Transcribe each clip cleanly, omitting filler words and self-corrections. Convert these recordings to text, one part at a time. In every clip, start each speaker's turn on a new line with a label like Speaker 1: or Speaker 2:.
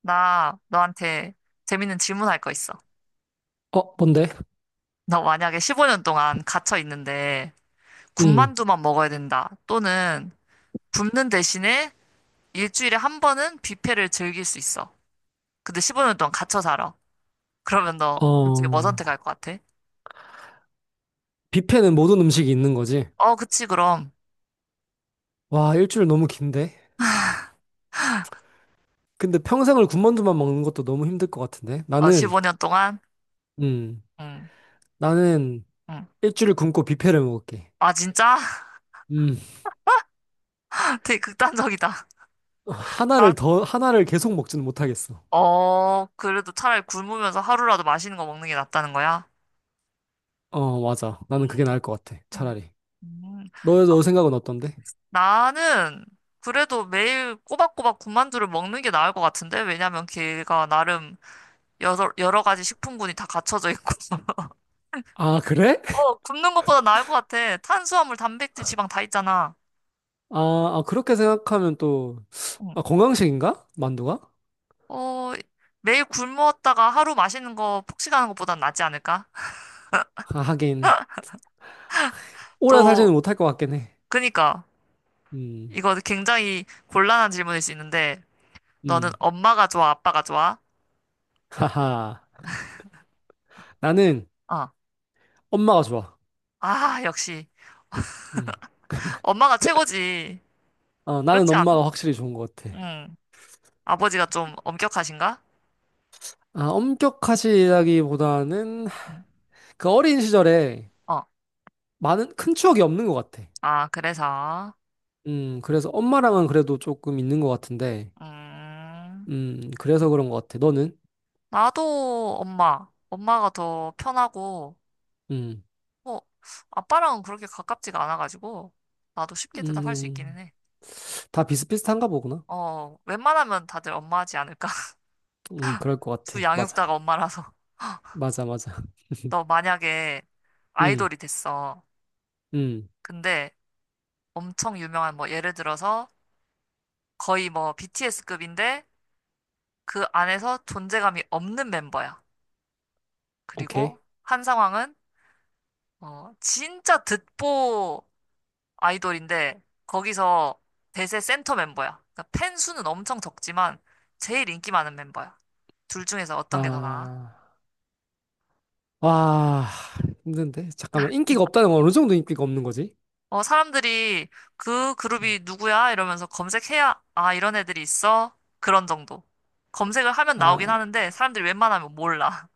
Speaker 1: 나 너한테 재밌는 질문할 거 있어.
Speaker 2: 어, 뭔데?
Speaker 1: 너 만약에 15년 동안 갇혀 있는데
Speaker 2: 음.
Speaker 1: 군만두만 먹어야 된다. 또는 굶는 대신에 일주일에 한 번은 뷔페를 즐길 수 있어. 근데 15년 동안 갇혀 살아. 그러면 너 둘 중에 뭐
Speaker 2: 어,
Speaker 1: 선택할 것 같아?
Speaker 2: 뷔페는 모든 음식이 있는 거지.
Speaker 1: 어, 그치, 그럼.
Speaker 2: 와, 일주일 너무 긴데? 근데 평생을 군만두만 먹는 것도 너무 힘들 것 같은데?
Speaker 1: 어,
Speaker 2: 나는,
Speaker 1: 15년 동안?
Speaker 2: 음,
Speaker 1: 응,
Speaker 2: 나는
Speaker 1: 응.
Speaker 2: 일주일 굶고 뷔페를 먹을게.
Speaker 1: 아, 진짜?
Speaker 2: 음,
Speaker 1: 되게 극단적이다.
Speaker 2: 어,
Speaker 1: 난,
Speaker 2: 하나를 계속 먹지는 못하겠어.
Speaker 1: 어, 그래도 차라리 굶으면서 하루라도 맛있는 거 먹는 게 낫다는 거야?
Speaker 2: 어, 맞아. 나는 그게
Speaker 1: 음,
Speaker 2: 나을 것 같아.
Speaker 1: 음.
Speaker 2: 차라리.
Speaker 1: 음.
Speaker 2: 너 생각은 어떤데?
Speaker 1: 나는 그래도 매일 꼬박꼬박 군만두를 먹는 게 나을 것 같은데? 왜냐면 걔가 나름 여러 가지 식품군이 다 갖춰져 있고.
Speaker 2: 아, 그래?
Speaker 1: 어, 굶는 것보다 나을 것 같아. 탄수화물, 단백질, 지방 다 있잖아.
Speaker 2: 아, 아, 그렇게 생각하면 또, 아,
Speaker 1: 응.
Speaker 2: 건강식인가? 만두가?
Speaker 1: 어, 매일 굶었다가 하루 마시는 거 폭식하는 것보단 낫지 않을까?
Speaker 2: 아, 하긴. 오래 살지는
Speaker 1: 또,
Speaker 2: 못할 것 같긴 해.
Speaker 1: 그니까,
Speaker 2: 음,
Speaker 1: 이거 굉장히 곤란한 질문일 수 있는데, 너는
Speaker 2: 음.
Speaker 1: 엄마가 좋아, 아빠가 좋아?
Speaker 2: 하하. 나는
Speaker 1: 어.
Speaker 2: 엄마가 좋아.
Speaker 1: 아, 역시.
Speaker 2: 음.
Speaker 1: 엄마가 최고지.
Speaker 2: 어, 나는
Speaker 1: 그렇지 않아?
Speaker 2: 엄마가 확실히 좋은 것 같아.
Speaker 1: 응. 아버지가 좀 엄격하신가?
Speaker 2: 아, 엄격하시다기보다는 그 어린 시절에
Speaker 1: 응. 어,
Speaker 2: 많은 큰 추억이 없는 것 같아.
Speaker 1: 아, 그래서,
Speaker 2: 그래서 엄마랑은 그래도 조금 있는 것 같은데,
Speaker 1: 음,
Speaker 2: 그래서 그런 것 같아. 너는?
Speaker 1: 나도 엄마가 더 편하고,
Speaker 2: 음,
Speaker 1: 뭐, 아빠랑은 그렇게 가깝지가 않아가지고, 나도 쉽게 대답할 수 있기는
Speaker 2: 음,
Speaker 1: 해.
Speaker 2: 다 비슷비슷한가 보구나.
Speaker 1: 어, 웬만하면 다들 엄마 하지 않을까?
Speaker 2: 그럴 것
Speaker 1: 두
Speaker 2: 같아. 맞아.
Speaker 1: 양육자가 엄마라서.
Speaker 2: 맞아, 맞아.
Speaker 1: 너 만약에
Speaker 2: 음,
Speaker 1: 아이돌이 됐어.
Speaker 2: 음,
Speaker 1: 근데 엄청 유명한, 뭐, 예를 들어서 거의 뭐 BTS급인데, 그 안에서 존재감이 없는 멤버야. 그리고
Speaker 2: 오케이.
Speaker 1: 한 상황은 어, 진짜 듣보 아이돌인데 거기서 대세 센터 멤버야. 그러니까 팬 수는 엄청 적지만 제일 인기 많은 멤버야. 둘 중에서 어떤 게 더 나아?
Speaker 2: 아, 와, 힘든데? 잠깐만. 인기가 없다는 건 어느 정도 인기가 없는 거지?
Speaker 1: 어, 사람들이 그 그룹이 누구야? 이러면서 검색해야 아, 이런 애들이 있어? 그런 정도. 검색을 하면 나오긴
Speaker 2: 아,
Speaker 1: 하는데 사람들이 웬만하면 몰라.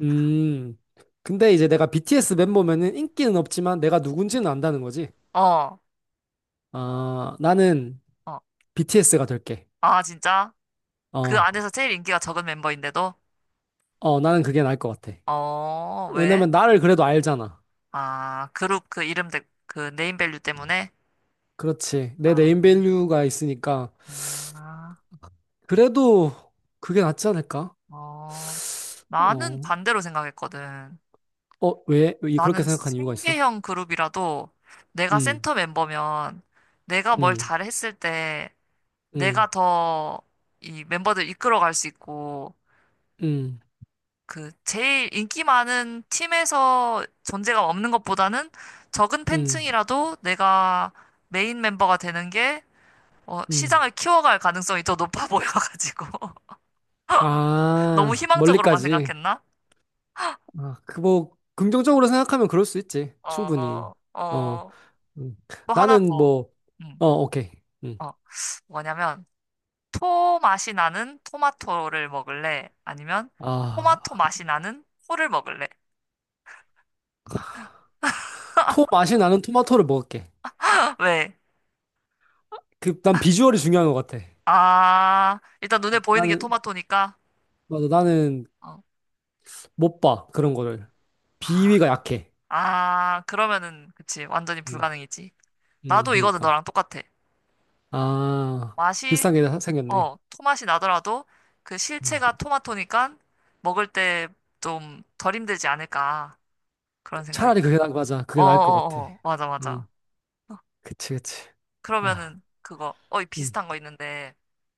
Speaker 2: 음. 근데 이제 내가 BTS 멤버면은 인기는 없지만 내가 누군지는 안다는 거지.
Speaker 1: 어,
Speaker 2: 아, 나는
Speaker 1: 어.
Speaker 2: BTS가 될게.
Speaker 1: 아, 진짜? 그
Speaker 2: 어,
Speaker 1: 안에서 제일 인기가 적은 멤버인데도?
Speaker 2: 어, 나는 그게 나을 것 같아.
Speaker 1: 어, 왜?
Speaker 2: 왜냐면 나를 그래도 알잖아.
Speaker 1: 아, 그룹 그 이름, 그 네임밸류 때문에?
Speaker 2: 그렇지. 내
Speaker 1: 아.
Speaker 2: 네임밸류가 있으니까.
Speaker 1: 아,
Speaker 2: 그래도 그게 낫지 않을까?
Speaker 1: 어, 나는
Speaker 2: 어,
Speaker 1: 반대로 생각했거든.
Speaker 2: 어, 왜? 그렇게
Speaker 1: 나는
Speaker 2: 생각한 이유가 있어?
Speaker 1: 생계형 그룹이라도 내가
Speaker 2: 음,
Speaker 1: 센터 멤버면 내가 뭘
Speaker 2: 음,
Speaker 1: 잘했을 때
Speaker 2: 음,
Speaker 1: 내가 더 이 멤버들 이끌어갈 수 있고
Speaker 2: 음,
Speaker 1: 그 제일 인기 많은 팀에서 존재감 없는 것보다는 적은
Speaker 2: 음,
Speaker 1: 팬층이라도 내가 메인 멤버가 되는 게 어,
Speaker 2: 음.
Speaker 1: 시장을 키워갈 가능성이 더 높아 보여가지고 너무
Speaker 2: 아,
Speaker 1: 희망적으로만
Speaker 2: 멀리까지.
Speaker 1: 생각했나?
Speaker 2: 아, 그 뭐, 긍정적으로 생각하면 그럴 수 있지. 충분히.
Speaker 1: 어,
Speaker 2: 어,
Speaker 1: 어.
Speaker 2: 음.
Speaker 1: 또 하나
Speaker 2: 나는
Speaker 1: 더,
Speaker 2: 뭐,
Speaker 1: 음,
Speaker 2: 어, 오케이. 음.
Speaker 1: 어, 뭐냐면, 토 맛이 나는 토마토를 먹을래? 아니면,
Speaker 2: 아,
Speaker 1: 토마토 맛이 나는 코를 먹을래?
Speaker 2: 토 맛이 나는 토마토를 먹을게.
Speaker 1: 왜?
Speaker 2: 그, 난 비주얼이 중요한 것 같아.
Speaker 1: 아, 일단 눈에 보이는 게
Speaker 2: 나는,
Speaker 1: 토마토니까,
Speaker 2: 맞아, 나는
Speaker 1: 어,
Speaker 2: 못 봐. 그런 거를. 비위가
Speaker 1: 아,
Speaker 2: 약해.
Speaker 1: 아, 그러면은, 그치, 완전히
Speaker 2: 음,
Speaker 1: 불가능이지. 나도 이거는
Speaker 2: 그러니까.
Speaker 1: 너랑 똑같아.
Speaker 2: 아,
Speaker 1: 맛이,
Speaker 2: 비싼 게 생겼네.
Speaker 1: 어, 토맛이 나더라도, 그
Speaker 2: 음.
Speaker 1: 실체가 토마토니까, 먹을 때 좀 덜 힘들지 않을까. 그런 생각이
Speaker 2: 차라리
Speaker 1: 들
Speaker 2: 맞아. 그게 나을 것 같아.
Speaker 1: 어어어어, 맞아, 맞아.
Speaker 2: 음, 그치, 그치. 아,
Speaker 1: 그러면은 그거 어
Speaker 2: 음,
Speaker 1: 비슷한 거 있는데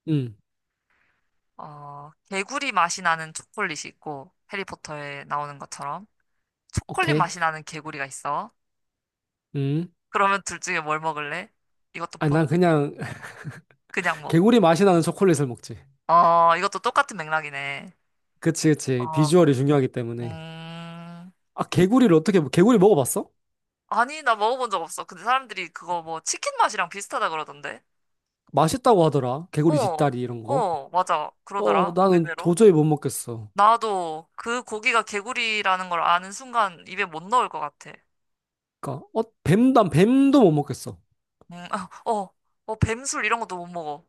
Speaker 2: 음,
Speaker 1: 어 개구리 맛이 나는 초콜릿이 있고 해리포터에 나오는 것처럼 초콜릿
Speaker 2: 오케이.
Speaker 1: 맛이 나는 개구리가 있어.
Speaker 2: 음.
Speaker 1: 그러면 둘 중에 뭘 먹을래? 이것도
Speaker 2: 아,
Speaker 1: 보,
Speaker 2: 난 그냥
Speaker 1: 그냥 뭐.
Speaker 2: 개구리 맛이 나는 초콜릿을 먹지.
Speaker 1: 어 이것도 똑같은 맥락이네.
Speaker 2: 그치, 그치.
Speaker 1: 어
Speaker 2: 비주얼이 중요하기 때문에.
Speaker 1: 음.
Speaker 2: 아, 개구리 먹어봤어?
Speaker 1: 아니 나 먹어본 적 없어. 근데 사람들이 그거 뭐 치킨 맛이랑 비슷하다 그러던데.
Speaker 2: 맛있다고 하더라. 개구리
Speaker 1: 어.
Speaker 2: 뒷다리 이런 거.
Speaker 1: 어 맞아
Speaker 2: 어,
Speaker 1: 그러더라
Speaker 2: 나는
Speaker 1: 의외로.
Speaker 2: 도저히 못 먹겠어.
Speaker 1: 나도 그 고기가 개구리라는 걸 아는 순간 입에 못 넣을 것 같아.
Speaker 2: 그니까, 어, 난 뱀도 못 먹겠어.
Speaker 1: 아, 어, 어, 뱀술 이런 것도 못 먹어.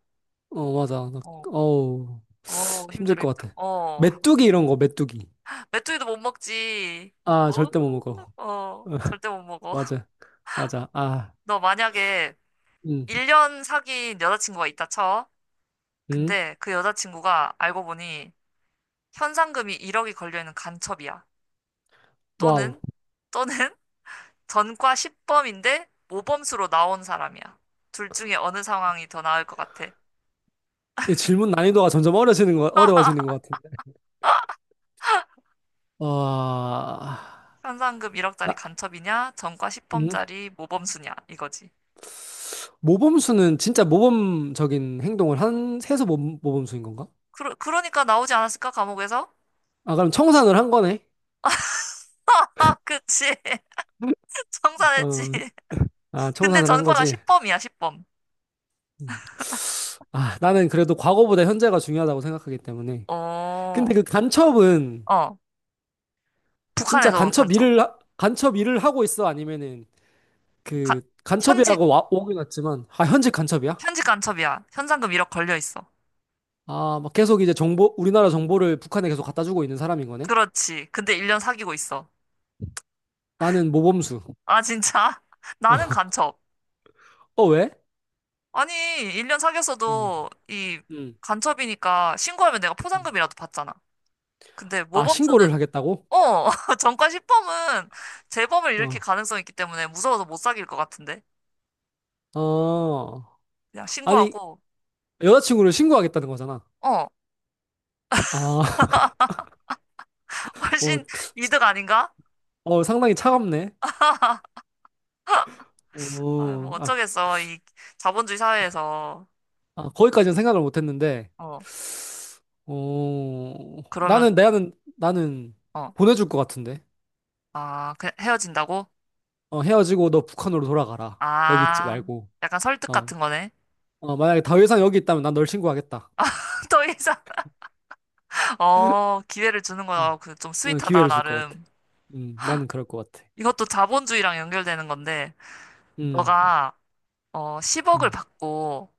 Speaker 2: 어, 맞아. 나,
Speaker 1: 어,
Speaker 2: 어우,
Speaker 1: 어,
Speaker 2: 힘들
Speaker 1: 힘들어,
Speaker 2: 것
Speaker 1: 힘들어.
Speaker 2: 같아.
Speaker 1: 어,
Speaker 2: 메뚜기 이런 거, 메뚜기.
Speaker 1: 메뚜기도 못 먹지.
Speaker 2: 아,
Speaker 1: 어,
Speaker 2: 절대 못 먹어.
Speaker 1: 어, 절대 못 먹어.
Speaker 2: 맞아. 맞아. 아,
Speaker 1: 너 만약에
Speaker 2: 음,
Speaker 1: 1년 사귄 여자친구가 있다 쳐.
Speaker 2: 음.
Speaker 1: 근데 그 여자친구가 알고 보니 현상금이 1억이 걸려있는 간첩이야.
Speaker 2: 와우.
Speaker 1: 또는, 또는 전과 10범인데 모범수로 나온 사람이야. 둘 중에 어느 상황이 더 나을 것 같아?
Speaker 2: 이 질문 난이도가 점점 어려워지는 것 같은데. 와,
Speaker 1: 현상금 1억짜리
Speaker 2: 나,
Speaker 1: 간첩이냐? 전과
Speaker 2: 음,
Speaker 1: 10범짜리 모범수냐? 이거지.
Speaker 2: 모범수는 진짜 모범적인 행동을 해서 모범수인 건가?
Speaker 1: 그러니까 나오지 않았을까, 감옥에서?
Speaker 2: 아, 그럼 청산을 한 거네.
Speaker 1: 아, 그치. 청산했지.
Speaker 2: 어, 아,
Speaker 1: 근데
Speaker 2: 청산을 한
Speaker 1: 전과가
Speaker 2: 거지.
Speaker 1: 10범이야, 10범.
Speaker 2: 음. 아, 나는 그래도 과거보다 현재가 중요하다고 생각하기 때문에. 근데
Speaker 1: 어,
Speaker 2: 그 간첩은
Speaker 1: 어.
Speaker 2: 진짜
Speaker 1: 북한에서 온 간첩.
Speaker 2: 간첩 일을 하고 있어? 아니면은
Speaker 1: 가,
Speaker 2: 그
Speaker 1: 현직,
Speaker 2: 간첩이라고 오긴 왔지만, 아, 현직 간첩이야?
Speaker 1: 현직 간첩이야. 현상금 1억 걸려 있어.
Speaker 2: 아, 막 계속 이제 우리나라 정보를 북한에 계속 갖다 주고 있는 사람인 거네?
Speaker 1: 그렇지. 근데 1년 사귀고 있어.
Speaker 2: 나는 모범수.
Speaker 1: 아, 진짜? 나는 간첩.
Speaker 2: 어, 왜?
Speaker 1: 아니, 1년
Speaker 2: 음,
Speaker 1: 사귀었어도 이
Speaker 2: 음.
Speaker 1: 간첩이니까 신고하면 내가
Speaker 2: 음.
Speaker 1: 포상금이라도 받잖아. 근데
Speaker 2: 아,
Speaker 1: 모범수는,
Speaker 2: 신고를 하겠다고?
Speaker 1: 어, 전과 10범은 재범을 일으킬
Speaker 2: 어.
Speaker 1: 가능성이 있기 때문에 무서워서 못 사귈 것 같은데.
Speaker 2: 어.
Speaker 1: 그냥
Speaker 2: 아니,
Speaker 1: 신고하고,
Speaker 2: 여자친구를 신고하겠다는 거잖아.
Speaker 1: 어,
Speaker 2: 아, 어,
Speaker 1: 훨씬 이득 아닌가?
Speaker 2: 어, 상당히 차갑네.
Speaker 1: 아, 뭐
Speaker 2: 어, 아,
Speaker 1: 어쩌겠어. 이 자본주의 사회에서.
Speaker 2: 아, 거기까지는 생각을 못 했는데,
Speaker 1: 어,
Speaker 2: 어,
Speaker 1: 그러면,
Speaker 2: 나는
Speaker 1: 어,
Speaker 2: 보내줄 것 같은데.
Speaker 1: 아, 그 헤어진다고?
Speaker 2: 어, 헤어지고 너 북한으로 돌아가라. 여기 있지
Speaker 1: 아,
Speaker 2: 말고.
Speaker 1: 약간 설득
Speaker 2: 어,
Speaker 1: 같은 거네.
Speaker 2: 어, 만약에 다회상 여기 있다면 난 널 신고하겠다.
Speaker 1: 더 이상, 어, 기회를 주는
Speaker 2: 어,
Speaker 1: 거야. 그 좀
Speaker 2: 나는
Speaker 1: 스윗하다,
Speaker 2: 기회를 줄 것 같아.
Speaker 1: 나름.
Speaker 2: 나는 그럴 것 같아.
Speaker 1: 이것도 자본주의랑 연결되는 건데,
Speaker 2: 음,
Speaker 1: 너가, 어, 10억을
Speaker 2: 음,
Speaker 1: 받고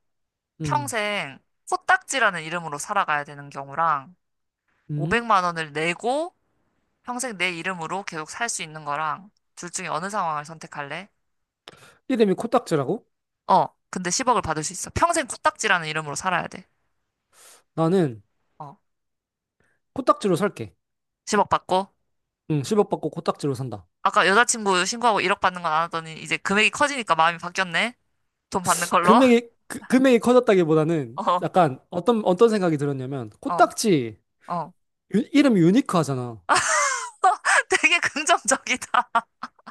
Speaker 2: 음,
Speaker 1: 평생 코딱지라는 이름으로 살아가야 되는 경우랑,
Speaker 2: 음.
Speaker 1: 500만 원을 내고 평생 내 이름으로 계속 살 수 있는 거랑 둘 중에 어느 상황을 선택할래?
Speaker 2: 이름이 코딱지라고?
Speaker 1: 어, 근데 10억을 받을 수 있어. 평생 코딱지라는 이름으로 살아야 돼.
Speaker 2: 나는
Speaker 1: 어,
Speaker 2: 코딱지로 살게.
Speaker 1: 10억 받고.
Speaker 2: 응, 1억 받고 코딱지로 산다.
Speaker 1: 아까 여자친구 신고하고 1억 받는 건 안 하더니 이제 금액이 커지니까 마음이 바뀌었네. 돈 받는 걸로.
Speaker 2: 금액이 커졌다기보다는
Speaker 1: 어,
Speaker 2: 약간 어떤 생각이 들었냐면,
Speaker 1: 어,
Speaker 2: 코딱지,
Speaker 1: 어.
Speaker 2: 이름이 유니크하잖아.
Speaker 1: 되게 긍정적이다.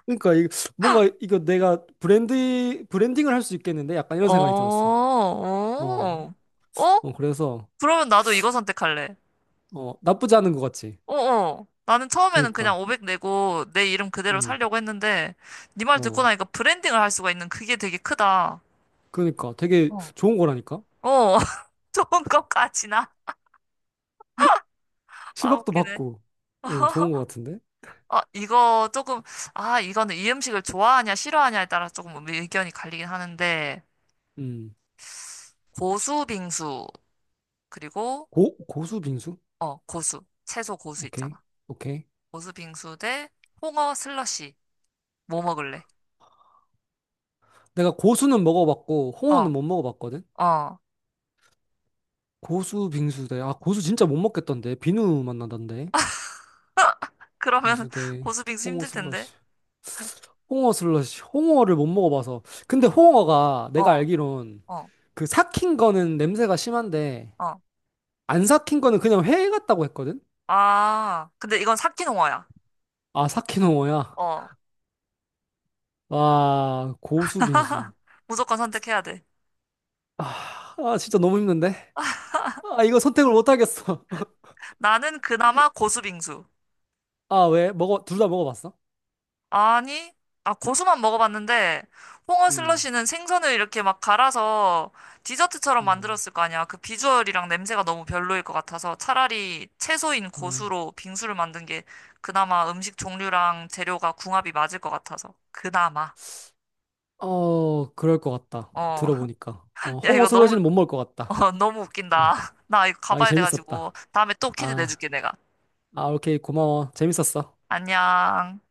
Speaker 2: 그러니까 이, 뭔가 이거 내가 브랜딩을 할 수 있겠는데? 약간 이런
Speaker 1: 오,
Speaker 2: 생각이 들었어. 어,
Speaker 1: 오. 어?
Speaker 2: 어, 그래서,
Speaker 1: 그러면 나도 이거 선택할래.
Speaker 2: 어, 나쁘지 않은 것 같지.
Speaker 1: 어어. 나는 처음에는
Speaker 2: 그니까,
Speaker 1: 그냥 500 내고 내 이름 그대로
Speaker 2: 응,
Speaker 1: 살려고 했는데 네 말 듣고
Speaker 2: 어,
Speaker 1: 나니까 브랜딩을 할 수가 있는 그게 되게 크다.
Speaker 2: 그니까 되게
Speaker 1: 어.
Speaker 2: 좋은 거라니까?
Speaker 1: 어, 좋은 것까지나.
Speaker 2: 실
Speaker 1: 아,
Speaker 2: 0억도
Speaker 1: 웃기네.
Speaker 2: 받고, 어, 좋은 것 같은데?
Speaker 1: 아, 이거 조금, 아, 이거는 이 음식을 좋아하냐, 싫어하냐에 따라 조금 뭐 의견이 갈리긴 하는데,
Speaker 2: 음,
Speaker 1: 고수 빙수, 그리고,
Speaker 2: 고수 빙수?
Speaker 1: 어, 고수. 채소 고수
Speaker 2: 오케이,
Speaker 1: 있잖아.
Speaker 2: 오케이.
Speaker 1: 고수 빙수 대 홍어 슬러시. 뭐 먹을래?
Speaker 2: 내가 고수는 먹어봤고
Speaker 1: 어,
Speaker 2: 홍어는 못 먹어봤거든.
Speaker 1: 어.
Speaker 2: 고수 빙수대. 아 고수 진짜 못 먹겠던데. 비누 맛 나던데.
Speaker 1: 그러면
Speaker 2: 빙수대.
Speaker 1: 고수 빙수
Speaker 2: 홍어
Speaker 1: 힘들 텐데.
Speaker 2: 슬러시. 홍어 슬러시. 홍어를 못 먹어봐서. 근데
Speaker 1: 어.
Speaker 2: 홍어가 내가
Speaker 1: 어,
Speaker 2: 알기론
Speaker 1: 어,
Speaker 2: 그 삭힌 거는 냄새가 심한데
Speaker 1: 어.
Speaker 2: 안 삭힌 거는 그냥 회 같다고 했거든.
Speaker 1: 아, 근데 이건 사키노화야.
Speaker 2: 아 삭힌 홍어야.
Speaker 1: 어,
Speaker 2: 와 고수 빙수.
Speaker 1: 무조건 선택해야 돼.
Speaker 2: 아 진짜 너무 힘든데. 아 이거 선택을 못 하겠어.
Speaker 1: 나는 그나마 고수빙수.
Speaker 2: 아 왜? 먹어 둘 다 먹어봤어?
Speaker 1: 아니, 아, 고수만 먹어봤는데, 홍어
Speaker 2: 음.
Speaker 1: 슬러시는 생선을 이렇게 막 갈아서 디저트처럼
Speaker 2: 음.
Speaker 1: 만들었을 거 아니야. 그 비주얼이랑 냄새가 너무 별로일 것 같아서 차라리 채소인
Speaker 2: 어.
Speaker 1: 고수로 빙수를 만든 게 그나마 음식 종류랑 재료가 궁합이 맞을 것 같아서. 그나마.
Speaker 2: 어, 그럴 것 같다.
Speaker 1: 어,
Speaker 2: 들어보니까. 어,
Speaker 1: 야,
Speaker 2: 홍어
Speaker 1: 이거 너무,
Speaker 2: 슬러시는 못 먹을 것 같다.
Speaker 1: 어, 너무
Speaker 2: 어,
Speaker 1: 웃긴다. 나 이거
Speaker 2: 아, 이거
Speaker 1: 가봐야 돼가지고,
Speaker 2: 재밌었다.
Speaker 1: 다음에 또 퀴즈
Speaker 2: 아,
Speaker 1: 내줄게, 내가.
Speaker 2: 아, 오케이. 고마워. 재밌었어.
Speaker 1: 안녕.